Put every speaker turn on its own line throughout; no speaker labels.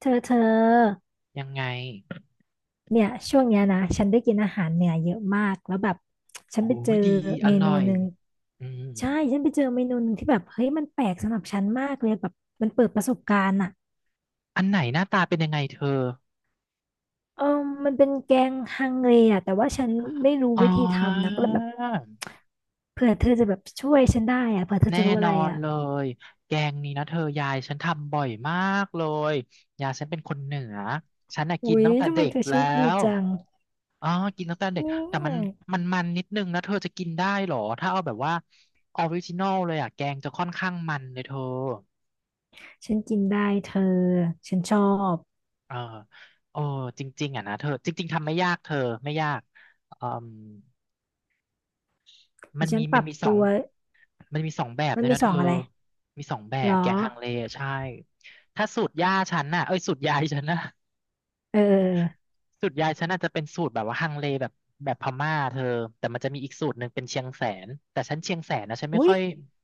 เธอ
ยังไง
เนี่ยช่วงเนี้ยนะฉันได้กินอาหารเหนือเยอะมากแล้วแบบฉั
โอ้
นไปเจอ
ยดีอ
เม
ร่อ
นู
ย
หนึ่ง
อืม
ใช่ฉันไปเจอเมนูหนึ่งที่แบบเฮ้ยมันแปลกสำหรับฉันมากเลยแบบมันเปิดประสบการณ์อ่ะ
อันไหนหน้าตาเป็นยังไงเธอ
เออมันเป็นแกงฮังเลอ่ะแต่ว่าฉันไม่รู้
อ๋อ
วิธีทำนะก็เลยแบบเผื่อเธอจะแบบช่วยฉันได้อ่ะเผื่อเธอ
แน่
จะรู้
น
อะ
อ
ไร
น
อ่ะ
เลยแกงนี้นะเธอยายฉันทำบ่อยมากเลยยายฉันเป็นคนเหนือฉันน่ะกิน
อุ๊ย
ตั้งแต่
ทำไม
เด็ก
เธอโช
แล้
คดี
ว
จัง
อ๋อกินตั้งแต่เด็ก
เนี่
แต่มัน
ย
มันนิดนึงนะเธอจะกินได้เหรอถ้าเอาแบบว่าออริจินอลเลยอ่ะแกงจะค่อนข้างมันเลยเธอ
ฉันกินได้เธอ ฉันชอบ
เออโอ้จริงๆอ่ะนะเธอจริงๆทำไม่ยากเธอไม่ยากอืม มัน
ฉั
มี
นป
มัน
รับ
มีสอ
ตั
ง
ว
มันมีสองแบบ
มั
ด้
น
วย
มี
นะ
ส
เธ
อ
อ
งอะไร
มีสองแบ
หรอ
บแกงฮังเลใช่ถ้าสูตรยายฉันน่ะ
เออ
สูตรยายฉันน่ะจะเป็นสูตรแบบว่าฮังเลแบบพม่าเธอแต่มันจะมีอีกสูตรหนึ่งเป็นเชียงแสนแต่ฉันเชียงแสนนะฉันไม่
อุ๊ย
ค่อย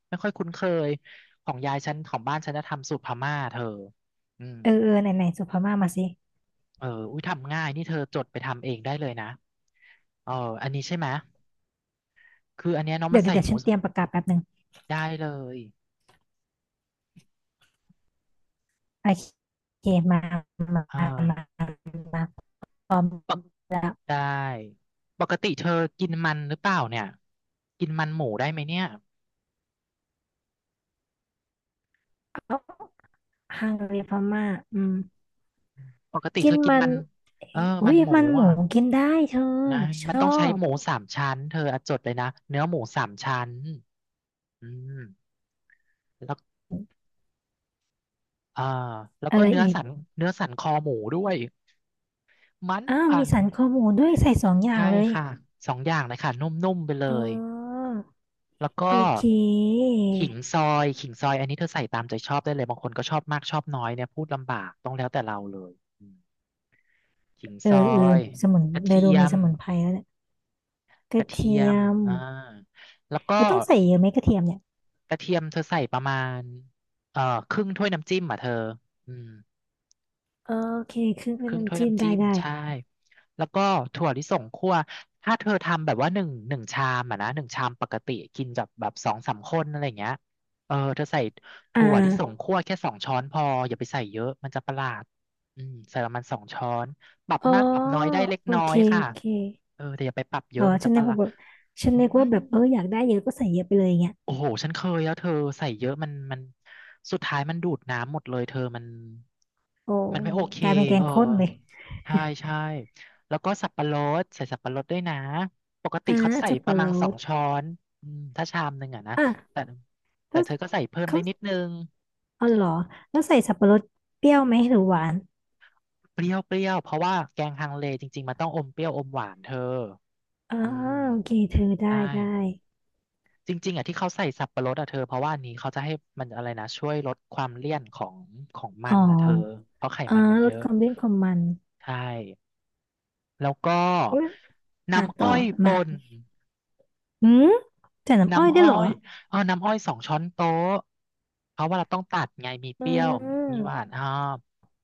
ไม่ค่อยคุ้นเคยของยายฉันของบ้านฉันจะทำสูตรพม่าเธออืม
เออเออไหนไหนส่งพม่ามาสิ
เอออุ้ยทำง่ายนี่เธอจดไปทำเองได้เลยนะเอออันนี้ใช่ไหมยคืออันเนี้ยเน้องมั
เดี๋ย
น
วเดี๋ย
ใส่
วเดี๋ย
ห
ว
มู
ฉันเตรียมประกาศแป๊บหนึ่ง
ได้เลย
โอเคมามา
อ่า
มามาพร้อม
ปก
แล้ว
ได้ปกติเธอกินมันหรือเปล่าเนี่ยกินมันหมูได้ไหมเนี่ย
เอาฮังการีพม่าอืม
ปกติ
กิ
เธ
น
อกิน
มั
มั
น
น
เอ้
เออ
ยอุ๊
มัน
ย
หมู
มันห
อ่ะ
มูกินได้เธอ
นะ
ช
มัน
อ
ต้องใช้
บ
หมูสามชั้นเธออะจดเลยนะเนื้อหมูสามชั้นอืมแล้วเออแล้ว
อะ
ก็
ไร
เนื้อ
อีก
สันเนื้อสันคอหมูด้วยมัน
อ้าว
มั
มี
น
สันคอหมูด้วยใส่สองอย่า
ใช่
งเลย
ค่ะสองอย่างเลยค่ะนุ่มๆไปเล
อ๋
ย
อ
แล้วก็
โอเค
ขิงซอยขิงซอยอันนี้เธอใส่ตามใจชอบได้เลยบางคนก็ชอบมากชอบน้อยเนี่ยพูดลำบากต้องแล้วแต่เราเลย ขิง
เออ
ซอ
เออ
ย
สมุน
กระ
เดยว
เที
ดู
ย
มี
ม
สมุนไพรแล้วเนี่ยก
ก
ระ
ระเที
เที
ย
ย
ม
ม
อ่าแล้วก็
แล้วต้องใส่เยอะไหมกระเทียมเนี่ย
กระเทียมเธอใส่ประมาณเอ่อครึ่งถ้วยน้ำจิ้มอ่ะเธออืม
โอเคครึ่ง
ค
เป็น
รึ่งถ้ว
น้ำ
ย
จิ้ม
น้ำ
ได้
จิ้ม
ได้
ใช่แล้วก็ถั่วลิสงคั่วถ้าเธอทำแบบว่าหนึ่งชามอะนะหนึ่งชามปกติกินแบบสองสามคนอะไรอย่างเงี้ยเออเธอใส่
อ่
ถั่วลิสง
า
คั่วแค่สองช้อนพออย่าไปใส่เยอะมันจะประหลาดอืมใส่ประมาณสองช้อนปรับ
อ๋อ
มากปรับน้อยได้เล็ก
โอ
น้อ
เค
ยค่ะ
โอเค
เออแต่อย่าไปปรับเย
อ๋อ
อะมันจะ
ฉัน
ป
นึ
ระ
ก
หลา
ว่า
ด
แบบฉัน
อื
นึกว่า
ม
แบบเอออยากได้เยอะก็ใส่เยอะไปเลยเงี้ย
โอ้โหฉันเคยแล้วเธอใส่เยอะมันสุดท้ายมันดูดน้ำหมดเลยเธอมัน
โอ้
มันไม่โอเค
กลายเป็นแก
เอ
ง
อ
ข้นเลย
ใช่ใช่แล้วก็สับปะรดใส่สับปะรดด้วยนะปกติ
อ่า
เขาใส่
สับ
ป
ปะ
ระมา
ร
ณสอ
ด
งช้อนอืมถ้าชามหนึ่งอะนะ
อ่ะ
แต่แต่
แล้ว
เธอก็ใส่เพิ่มได้
เขา
นิดนึง
อ๋อเหรอแล้วใส่สับปะรดเปรี้ยวไหมหรือหวาน
เปรี้ยวเปรี้ยวเพราะว่าแกงฮังเลจริงๆมันต้องอมเปรี้ยวอมหวานเธอ
อ่า
อืม
โอเคเธอได้
ได้
ได้
จริงๆอะที่เขาใส่สับปะรดอะเธอเพราะว่าอันนี้เขาจะให้มันอะไรนะช่วยลดความเลี่ยนของมั
อ๋อ
นอะเธอเพราะไข
อ่า
มันมัน
ล
เย
ด
อะ
ความเลี่ยนความมัน
ใช่แล้วก็
เอะอ่ะ
น้ำ
ต่อ
อ้อย
มา
ป่น
อืมใส่น้ำอ้อย
น้ำ
ได้
อ้อ
เหรอ
ยอ๋อน้ำอ้อยสองช้อนโต๊ะเพราะว่าเราต้องตัดไงมีเป
อื
รี้ยวมีหวา
ม
นอ่า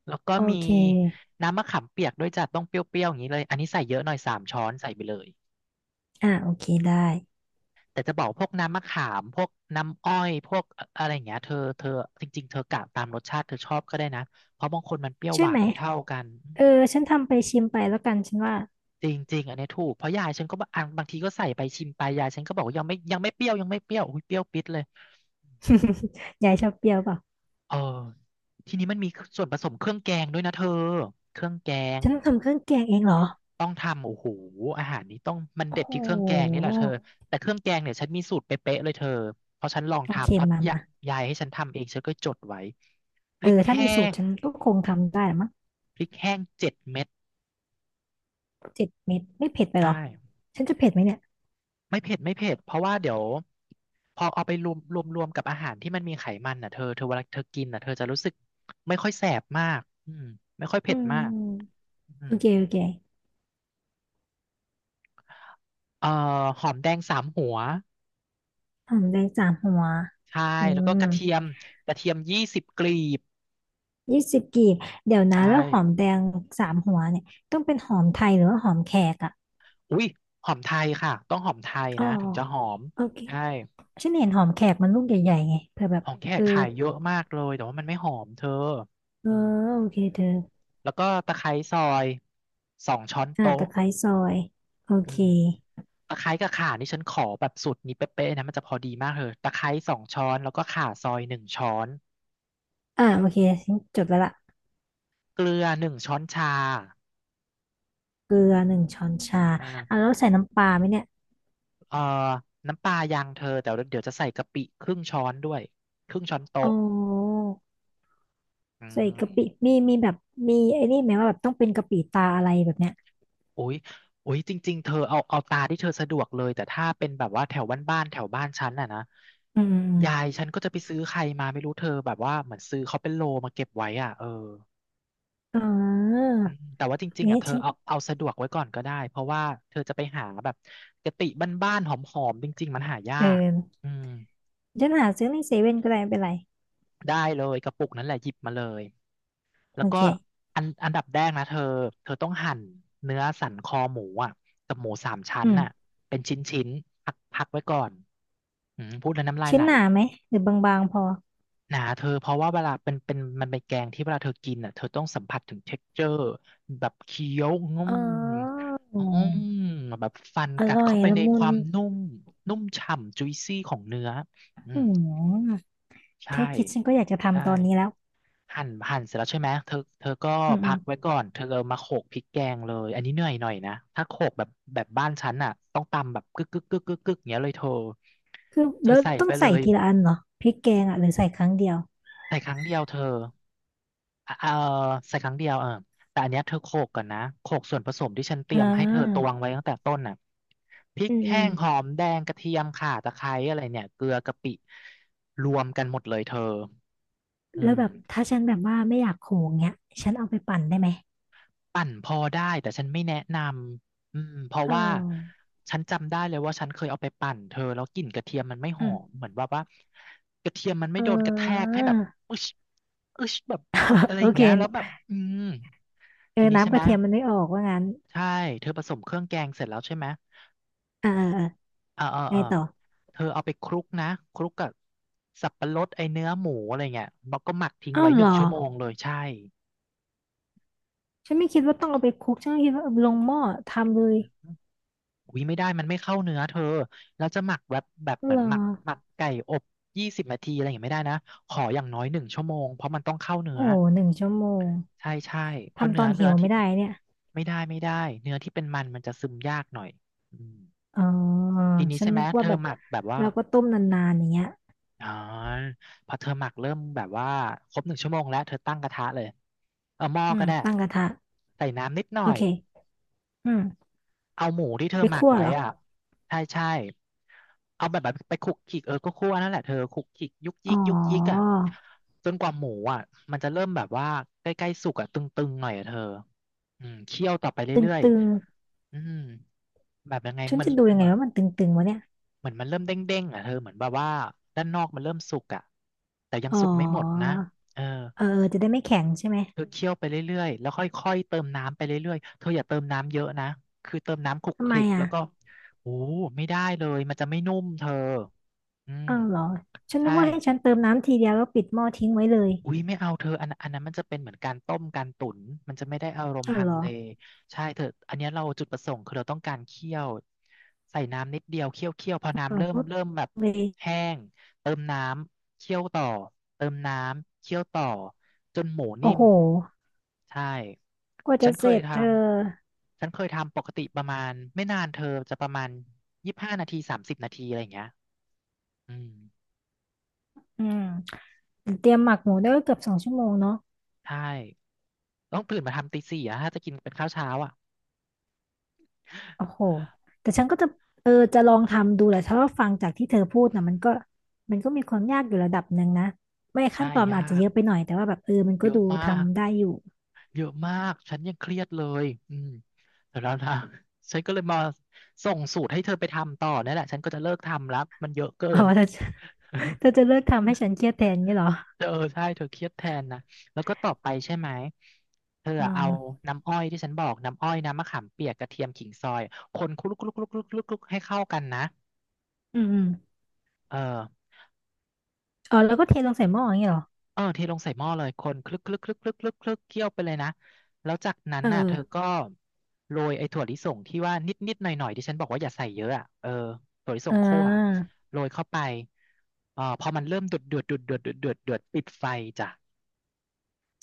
แล้วก็
โอ
มี
เค
น้ำมะขามเปียกด้วยจ้ะต้องเปรี้ยวๆอย่างนี้เลยอันนี้ใส่เยอะหน่อยสามช้อนใส่ไปเลย
อ่าโอเคได้
แต่จะบอกพวกน้ำมะขามพวกน้ำอ้อยพวกอะไรอย่างเงี้ยเธอจริงๆเธอกะตามรสชาติเธอชอบก็ได้นะเพราะบางคนมันเปรี้ยว
ใช่
หวา
ไห
น
ม
ไม่เท่ากัน
เออฉันทำไปชิมไปแล้วกันฉันว่า
จริงๆอันเนี้ยถูกเพราะยายฉันก็บางอันบางทีก็ใส่ไปชิมไปยายฉันก็บอกว่ายังไม่เปรี้ยวยังไม่เปรี้ยวอุ้ยเปรี้ยวปิดเลย
ยายชอบเปรี้ยวเปล่า
เออทีนี้มันมีส่วนผสมเครื่องแกงด้วยนะเธอเครื่องแกง
ฉันต้องทำเครื่องแกงเองเหรอ
ต้องทำโอ้โหอาหารนี้ต้องมัน
โอ้
เด็ด
โ
ที่เครื่องแกงนี่
ห
แหละเธอแต่เครื่องแกงเนี่ยฉันมีสูตรเป๊ะๆเลยเธอเพราะฉันลอง
โอเค
ทำเพราะ
มามา
ยายให้ฉันทำเองฉันก็จดไว้พ
เอ
ริก
อถ้า
แห้
มีสูตร
ง
ฉันก็คงทำได้ละมั้ง
7 เม็ด
เจ็ดเม็ดไม่เผ็ดไปห
ใช่
รอฉันจะเผ็ดไหมเนี่ย
ไม่เผ็ดไม่เผ็ดเพราะว่าเดี๋ยวพอเอาไปรวมกับอาหารที่มันมีไขมันน่ะเธอเธอเวลาเธอกินน่ะเธอจะรู้สึกไม่ค่อยแสบมากอืมไม่ค่อย
อื
เผ็ดมาก
ม
อื
โอ
ม
เคโอเค
เอ่อหอมแดง3 หัว
หอมแดงสามหัว
ใช่
อื
แล้วก็
ม
กระเทียมกระเทียม20 กลีบ
20 กีบเดี๋ยวนะ
ใช่
แล้วหอมแดงสามหัวเนี่ยต้องเป็นหอมไทยหรือว่าหอมแขกอ่ะ
อุ้ยหอมไทยค่ะต้องหอมไทย
อ๋อ
นะถึงจะหอม
โอเค
ใช่
ฉันเห็นหอมแขกมันลูกใหญ่ๆไงเผื่อแบบ
ของแข
เอ
ก
อ
ขายเยอะมากเลยแต่ว่ามันไม่หอมเธอ
เออ
อืม
โอเคเธอ
แล้วก็ตะไคร้ซอยสองช้อน
อ่า
โต๊ะ
ตะไคร้ซอยโอ
อื
เค
มตะไคร้กับข่านี่ฉันขอแบบสูตรนี้เป๊ะๆนะมันจะพอดีมากเลยตะไคร้สองช้อนแล้วก็ข่าซอยหนึ่งช้อน
อ่าโอเคฉันจดไว้ละ
เกลือหนึ่งช้อนชา
เกลือ1 ช้อนชาอ่าแล้
อ่า
วใส่น้ำปลาไหมเนี่ย
เอ่อน้ำปลายังเธอแต่เดี๋ยวจะใส่กะปิครึ่งช้อนด้วยครึ่งช้อน
อ๋อ
โต๊ะอื
ใส่
ม
กะปิมีแบบมีไอ้นี่ไหมว่าแบบต้องเป็นกะปิตาอะไรแบบเนี้ย
อุ๊ยอุยจริงๆเธอเอาตาที่เธอสะดวกเลยแต่ถ้าเป็นแบบว่าแถวบ้านๆแถวบ้านฉันน่ะนะ
อื
ยาย
ม
ฉันก็จะไปซื้อใครมาไม่รู้เธอแบบว่าเหมือนซื้อเขาเป็นโลมาเก็บไว้อ่ะเออ
อมอมอ๋อ
อืมแต่ว่าจริงๆอ่ะ
นี่
เธอ
ฉัน
เอาสะดวกไว้ก่อนก็ได้เพราะว่าเธอจะไปหาแบบกะปิบ้านๆหอมๆจริงๆมันหายา
เอ
ก
อ
อืม
ฉันหาซื้อในเซเว่นก็ได้ไม่เป็นไร
ได้เลยกระปุกนั้นแหละหยิบมาเลย แล้
โอ
วก็
เค
อันดับแรกนะเธอต้องหั่นเนื้อสันคอหมูอ่ะกับหมูสามชั้
อื
น
ม
น่ะเป็นชิ้นชิ้นพักไว้ก่อนอืมพูดแล้วน้ำลาย
ชิ้
ไห
น
ล
หนาไหมหรือบางๆพอ
หนาเธอเพราะว่าเวลาเป็นมันเป็นแกงที่เวลาเธอกินอ่ะเธอต้องสัมผัสถึงเท็กเจอร์แบบเคี้ยวงุ่
อ๋
ม
อ
งุืมแบบฟัน
อ
กัด
ร่อย
เข้าไป
ละ
ใน
มุ
ค
น
วามนุ่มนุ่มฉ่ำ juicy ของเนื้ออื
อื
ม
ม
ใช่
แค่คิดฉันก็อยากจะ
ใช่
ทำตอนนี้แล้ว
หั่นเสร็จแล้วใช่ไหมเธอก็
อืมอื
พั
ม
กไว้ก่อนเธอเอามาโขลกพริกแกงเลยอันนี้เหนื่อยหน่อยนะถ้าโขลกแบบบ้านฉันอ่ะต้องตำแบบกึกกึกกึกกึกกึกอย่างเงี้ยเลยเธอ
คือ
เธอ
แล้ว
ใส่
ต้อ
ไป
ง
เล
ใส่
ย
ทีละอันเหรอพริกแกงอ่ะหรือใส่ครั้งเดียว
ใส่ครั้งเดียวเธออ่ะเออใส่ครั้งเดียวเออแต่อันเนี้ยเธอโขลกก่อนนะโขลกส่วนผสมที่ฉันเต
อ่
รียมให้เธอต
า
วงไว้ตั้งแต่ต้นน่ะพริก
อืมอื
แห้
ม
งหอมแดงกระเทียมข่าตะไคร้อะไรเนี่ยเกลือกะปิรวมกันหมดเลยเธออื
แล้ว
ม
แบบถ้าฉันแบบว่าไม่อยากโขงเงี้ยฉันเอาไปปั่นได้ไหม
ปั่นพอได้แต่ฉันไม่แนะนำอืมเพราะ
เ
ว่า
ออ
ฉันจำได้เลยว่าฉันเคยเอาไปปั่นเธอแล้วกลิ่นกระเทียมมันไม่ห
อื
อม
ม
เหมือนว่ากระเทียมมันไม่
เอ
โดนกระแทก
อ
ให้แบบอึชอึชแบบเอออะไร
โอ
อย่าง
เค
เงี้ยแล้วแบบอืม
เอ
ที
อ
นี้ใช่
น้ำก
ไหม
ระเทียมมันไม่ออกว่างั้น
ใช่เธอผสมเครื่องแกงเสร็จแล้วใช่ไหม
อ่าอ่าอ่า
เออเออ
ไง
เออ
ต่อ
เธอเอาไปคลุกนะคลุกกับสับปะรดไอเนื้อหมูอะไรเงี้ยแล้วก็หมักทิ้ง
อ้าว
ไว้ห
เหร
นึ่ง
อ
ชั่วโมงเลยใช่
ฉันไม่คิดว่าต้องเอาไปคลุกฉันก็คิดว่าเอาลงหม้อทำเลย
อุ้ยไม่ได้มันไม่เข้าเนื้อเธอแล้วจะหมักแบบเหมื
เหร
อน
อ
หมักไก่อบ20 นาทีอะไรอย่างเงี้ยไม่ได้นะขออย่างน้อยหนึ่งชั่วโมงเพราะมันต้องเข้าเนื้อ
โอ้โห1 ชั่วโมง
ใช่ใช่เพราะ
ทำต
เนื้
อ
อ
น
เนื้
หิ
อ
ว
ที่
ไม่
เป็
ได้
น
เนี่ย
ไม่ได้ไม่ได้เนื้อที่เป็นมันจะซึมยากหน่อยอืม
อ๋อ
ทีนี้
ฉัน
ใช่ไหม
นึก
เธ
ว่าแบ
อ
บ
หมักแบบว่า
เราก็ต้มนานๆอย่างเงี้ย
อ๋อพอเธอหมักเริ่มแบบว่าครบหนึ่งชั่วโมงแล้วเธอตั้งกระทะเลยเอาหม้อ
อื
ก็
ม
ได้
ตั้งกระทะ
ใส่น้ำนิดห
โอ
น่อย
เค อืม
เอาหมูที่เธ
ไป
อหมัก
คั่ว
ไว้
เหรอ
อ่ะใช่ใช่เอาแบบไปคลุกคลิกเออก็คั่วนั่นแหละเธอคลุกคลิกยุกยิ
อ๋
กยุกยิก
อ
อ่ะจนกว่าหมูอ่ะมันจะเริ่มแบบว่าใกล้ๆสุกอ่ะตึงๆหน่อยอ่ะเธออืมเคี่ยวต่อไปเรื่อย
ตึง
ๆอืมแบบยังไง
ๆ ฉัน
มัน
จะดูยัง
เห
ไง
มือน
ว่ามันตึงๆวะเนี่ย
เหมือนมันเริ่มเด้งๆอ่ะเธอเหมือนแบบว่าด้านนอกมันเริ่มสุกอ่ะแต่ยัง
อ๋
สุกไม่หมดนะ
อ
เออ
เออจะได้ไม่แข็งใช่ไหม
เธอเคี่ยวไปเรื่อยๆ แล้วค่อยๆ เติมน้ำไปเรื่อยๆ เธออย่าเติมน้ำเยอะนะ คือเติมน้ำคลุก
ทำ
ค
ไม
ลิก
อ่ะ
แล้วก็ โอ้ไม่ได้เลยมันจะไม่นุ่มเธออืม
อ้าวเหรอ ฉันนึ
ใช่
กว่าให้ฉันเติมน้ำทีเดียวแล้วปิดหม้อทิ้งไว้เลย
อุ้ยไม่เอาเธออันนั้นมันจะเป็นเหมือนการต้มการตุ๋นมันจะไม่ได้อารมณ์
อ้าว
ฮั
เหร
ง
อ
เลใช่เธออันเนี้ยเราจุดประสงค์คือเราต้องการเคี่ยวใส่น้ำนิดเดียวเคี่ยวเคี่ยวพอน้ำ
อ้าว
เริ่ม
ปุ๊บ
เริ่มแบบ
เลย
แห้งเติมน้ำเคี่ยวต่อเติมน้ำเคี่ยวต่อจนหมู
โอ้
นิ่ม
โห
ใช่
กว่า
ฉั
จะ
น
เส
เค
ร็
ย
จ
ท
เธอ
ฉันเคยทำปกติประมาณไม่นานเธอจะประมาณ25 นาที30 นาทีอะไรอย่างเงี้ยอืม
อืมเตรียมหมักหมูได้ก็เกือบ2 ชั่วโมงเนาะ
ใช่ต้องตื่นมาทำตีสี่อะถ้าจะกินเป็นข้าวเช้าอ่ะ
โอ้โหแต่ฉันก็จะเออจะลองทำดูแหละเพราะว่าฟังจากที่เธอพูด
อื
นะมันก็
ม
มันก็มีความยากอยู่ระดับหนึ่งนะ ไม่ขั้
ใช่
นตอนมัน
ยา
อาจจะเย
ก
อะไปหน่อย แต่ว่าแบบเออมันก็
เยอะ
ดู
มาก
ทำได้อยู่
เยอะมากฉันยังเครียดเลยอืมแต่แล้วนะ ฉันก็เลยมาส่งสูตรให้เธอไปทำต่อนั่นแหละฉันก็จะเลิกทำแล้วมันเยอะเกิ
อ๋อ
น
เธอเธอจะเลิกทำให้ฉันเครียดแทนงี้เหรอ
เออใช่เธอเครียดแทนนะแล้วก็ต่อไปใช่ไหมเธอ
อื
เอา
ม
น้ำอ้อยที่ฉันบอกน้ำอ้อยน้ำมะขามเปียกกระเทียมขิงซอยคนคลุกๆๆๆๆๆให้เข้ากันนะ
อืมอืม
เออ
อ๋อแล้วก็เทลงใส่หม้ออย่างงี้เหรอ
เออเทลงใส่หม้อเลย คนคลึกคลึกคลึกคลึกคลึกคลึกเคี่ยวไปเลยนะ แล้วจากนั้น
เ
น่ะเธอ
ออ
ก็โรยไอ้ถั่วลิสงที่ว่านิดนิดหน่อยหน่อยๆที่ฉันบอกว่าอย่าใส่เยอะอ่ะเออถั่วลิส
เอออ่
งคั่ว
า
โรยเข้าไปเออพอมันเริ่มเดือดเดือดเดือดเดือดเดือดเดือดเดือดปิดไฟจ้ะ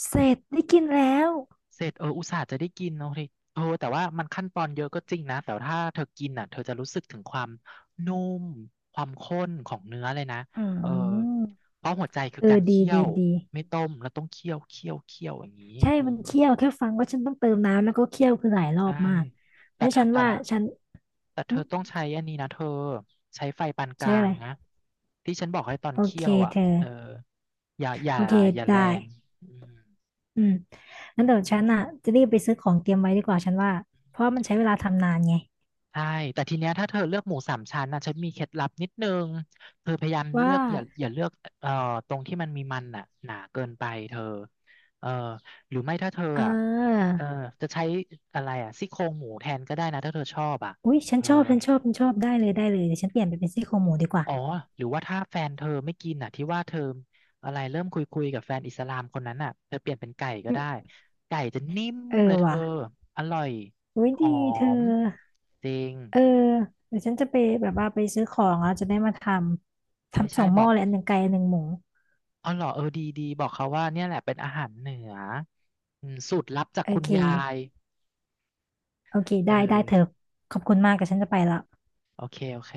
เสร็จได้กินแล้ว
เสร็จเอออุตส่าห์จะได้กินเนาะเฮยเออแต่ว่ามันขั้นตอนเยอะก็จริงนะแต่ถ้าเธอกินอ่ะเธอจะรู้สึกถึงความนุ่มความข้นของเนื้อเลยนะ
อื
เออ
ม
เพราะหัวใจคื
เอ
อกา
อ
ร
ดี
เคี่ย
ดี
ว
ดี
ไม่ต้มแล้วต้องเคี่ยวเคี่ยวเคี่ยวอย่างนี้
ใช่
อื
มัน
ม
เคี่ยวแค่ฟังว่าฉันต้องเติมน้ำแล้วก็เคี่ยวคือหลายรอ
ใช่
บมากเพ
แต่
ราะฉั
ถ้า
น
แต่
ว่า
ถ้า
ฉัน
แต่
อื
เธอ
ม
ต้องใช้อันนี้นะเธอใช้ไฟปานก
ใช่
ลา
อะ
ง
ไร
นะที่ฉันบอกให้ตอน
โอ
เคี่
เค
ยวอ่ะ
เธอ
เอออย่าอย่า
โอเค
อย่า
ได
แรง
้
อืม
อืมงั้นเดี๋ยวฉันอ่ะจะรีบไปซื้อของเตรียมไว้ดีกว่าฉันว่าเพราะมันใช้เวลาทำนานไง
ใช่ แต่ทีเนี้ยถ้าเธอเลือกหมูสามชั้นนะฉันมีเคล็ดลับนิดนึงเธอพยายามเลื
ว่า
อกอย่าเลือกเอ่อตรงที่มันมีมันน่ะหนาเกินไปเธอเออหรือไม่ถ้าเธอ
เ
อ่ะ
ออ
เออจะใช้อะไรอ่ะซี่โครงหมูแทนก็ได้นะถ้าเธอชอบอ่ะ
อุ๊ยฉั
เอ
น
อ
ชอบฉันชอบฉันชอบได้เลยได้เลยเดี๋ยวฉันเปลี่ยนไปเป็นซี่โครงหมูดีกว่า
อ๋อหรือว่าถ้าแฟนเธอไม่กินอ่ะที่ว่าเธออะไรเริ่มคุยกับแฟนอิสลามคนนั้นอ่ะเธอเปลี่ยนเป็นไก่ก็
อืม
ได้ไก่จะนิ่ม
เออ
เลยเธ
ว่ะ
ออร่อย
อุ๊ย
ห
ดี
อ
เธอ
มจริง
เออเดี๋ยวฉันจะไปแบบว่าไปซื้อของแล้วจะได้มาทำ
ใช่
ทำส
ใช่
องห
บ
ม้
อ
อ
ก
เลยอันหนึ่งไก่อันหนึ่งหมู
อ๋อเหรอเออดีดีบอกเขาว่าเนี่ยแหละเป็นอาหารเหนืออืมสูตรลับจาก
โอ
คุณ
เค
ยาย
โอเค
เอ
ได้ได้เธอ
อ
ขอบคุณมากแต่ฉันจะไปละ
โอเคโอเค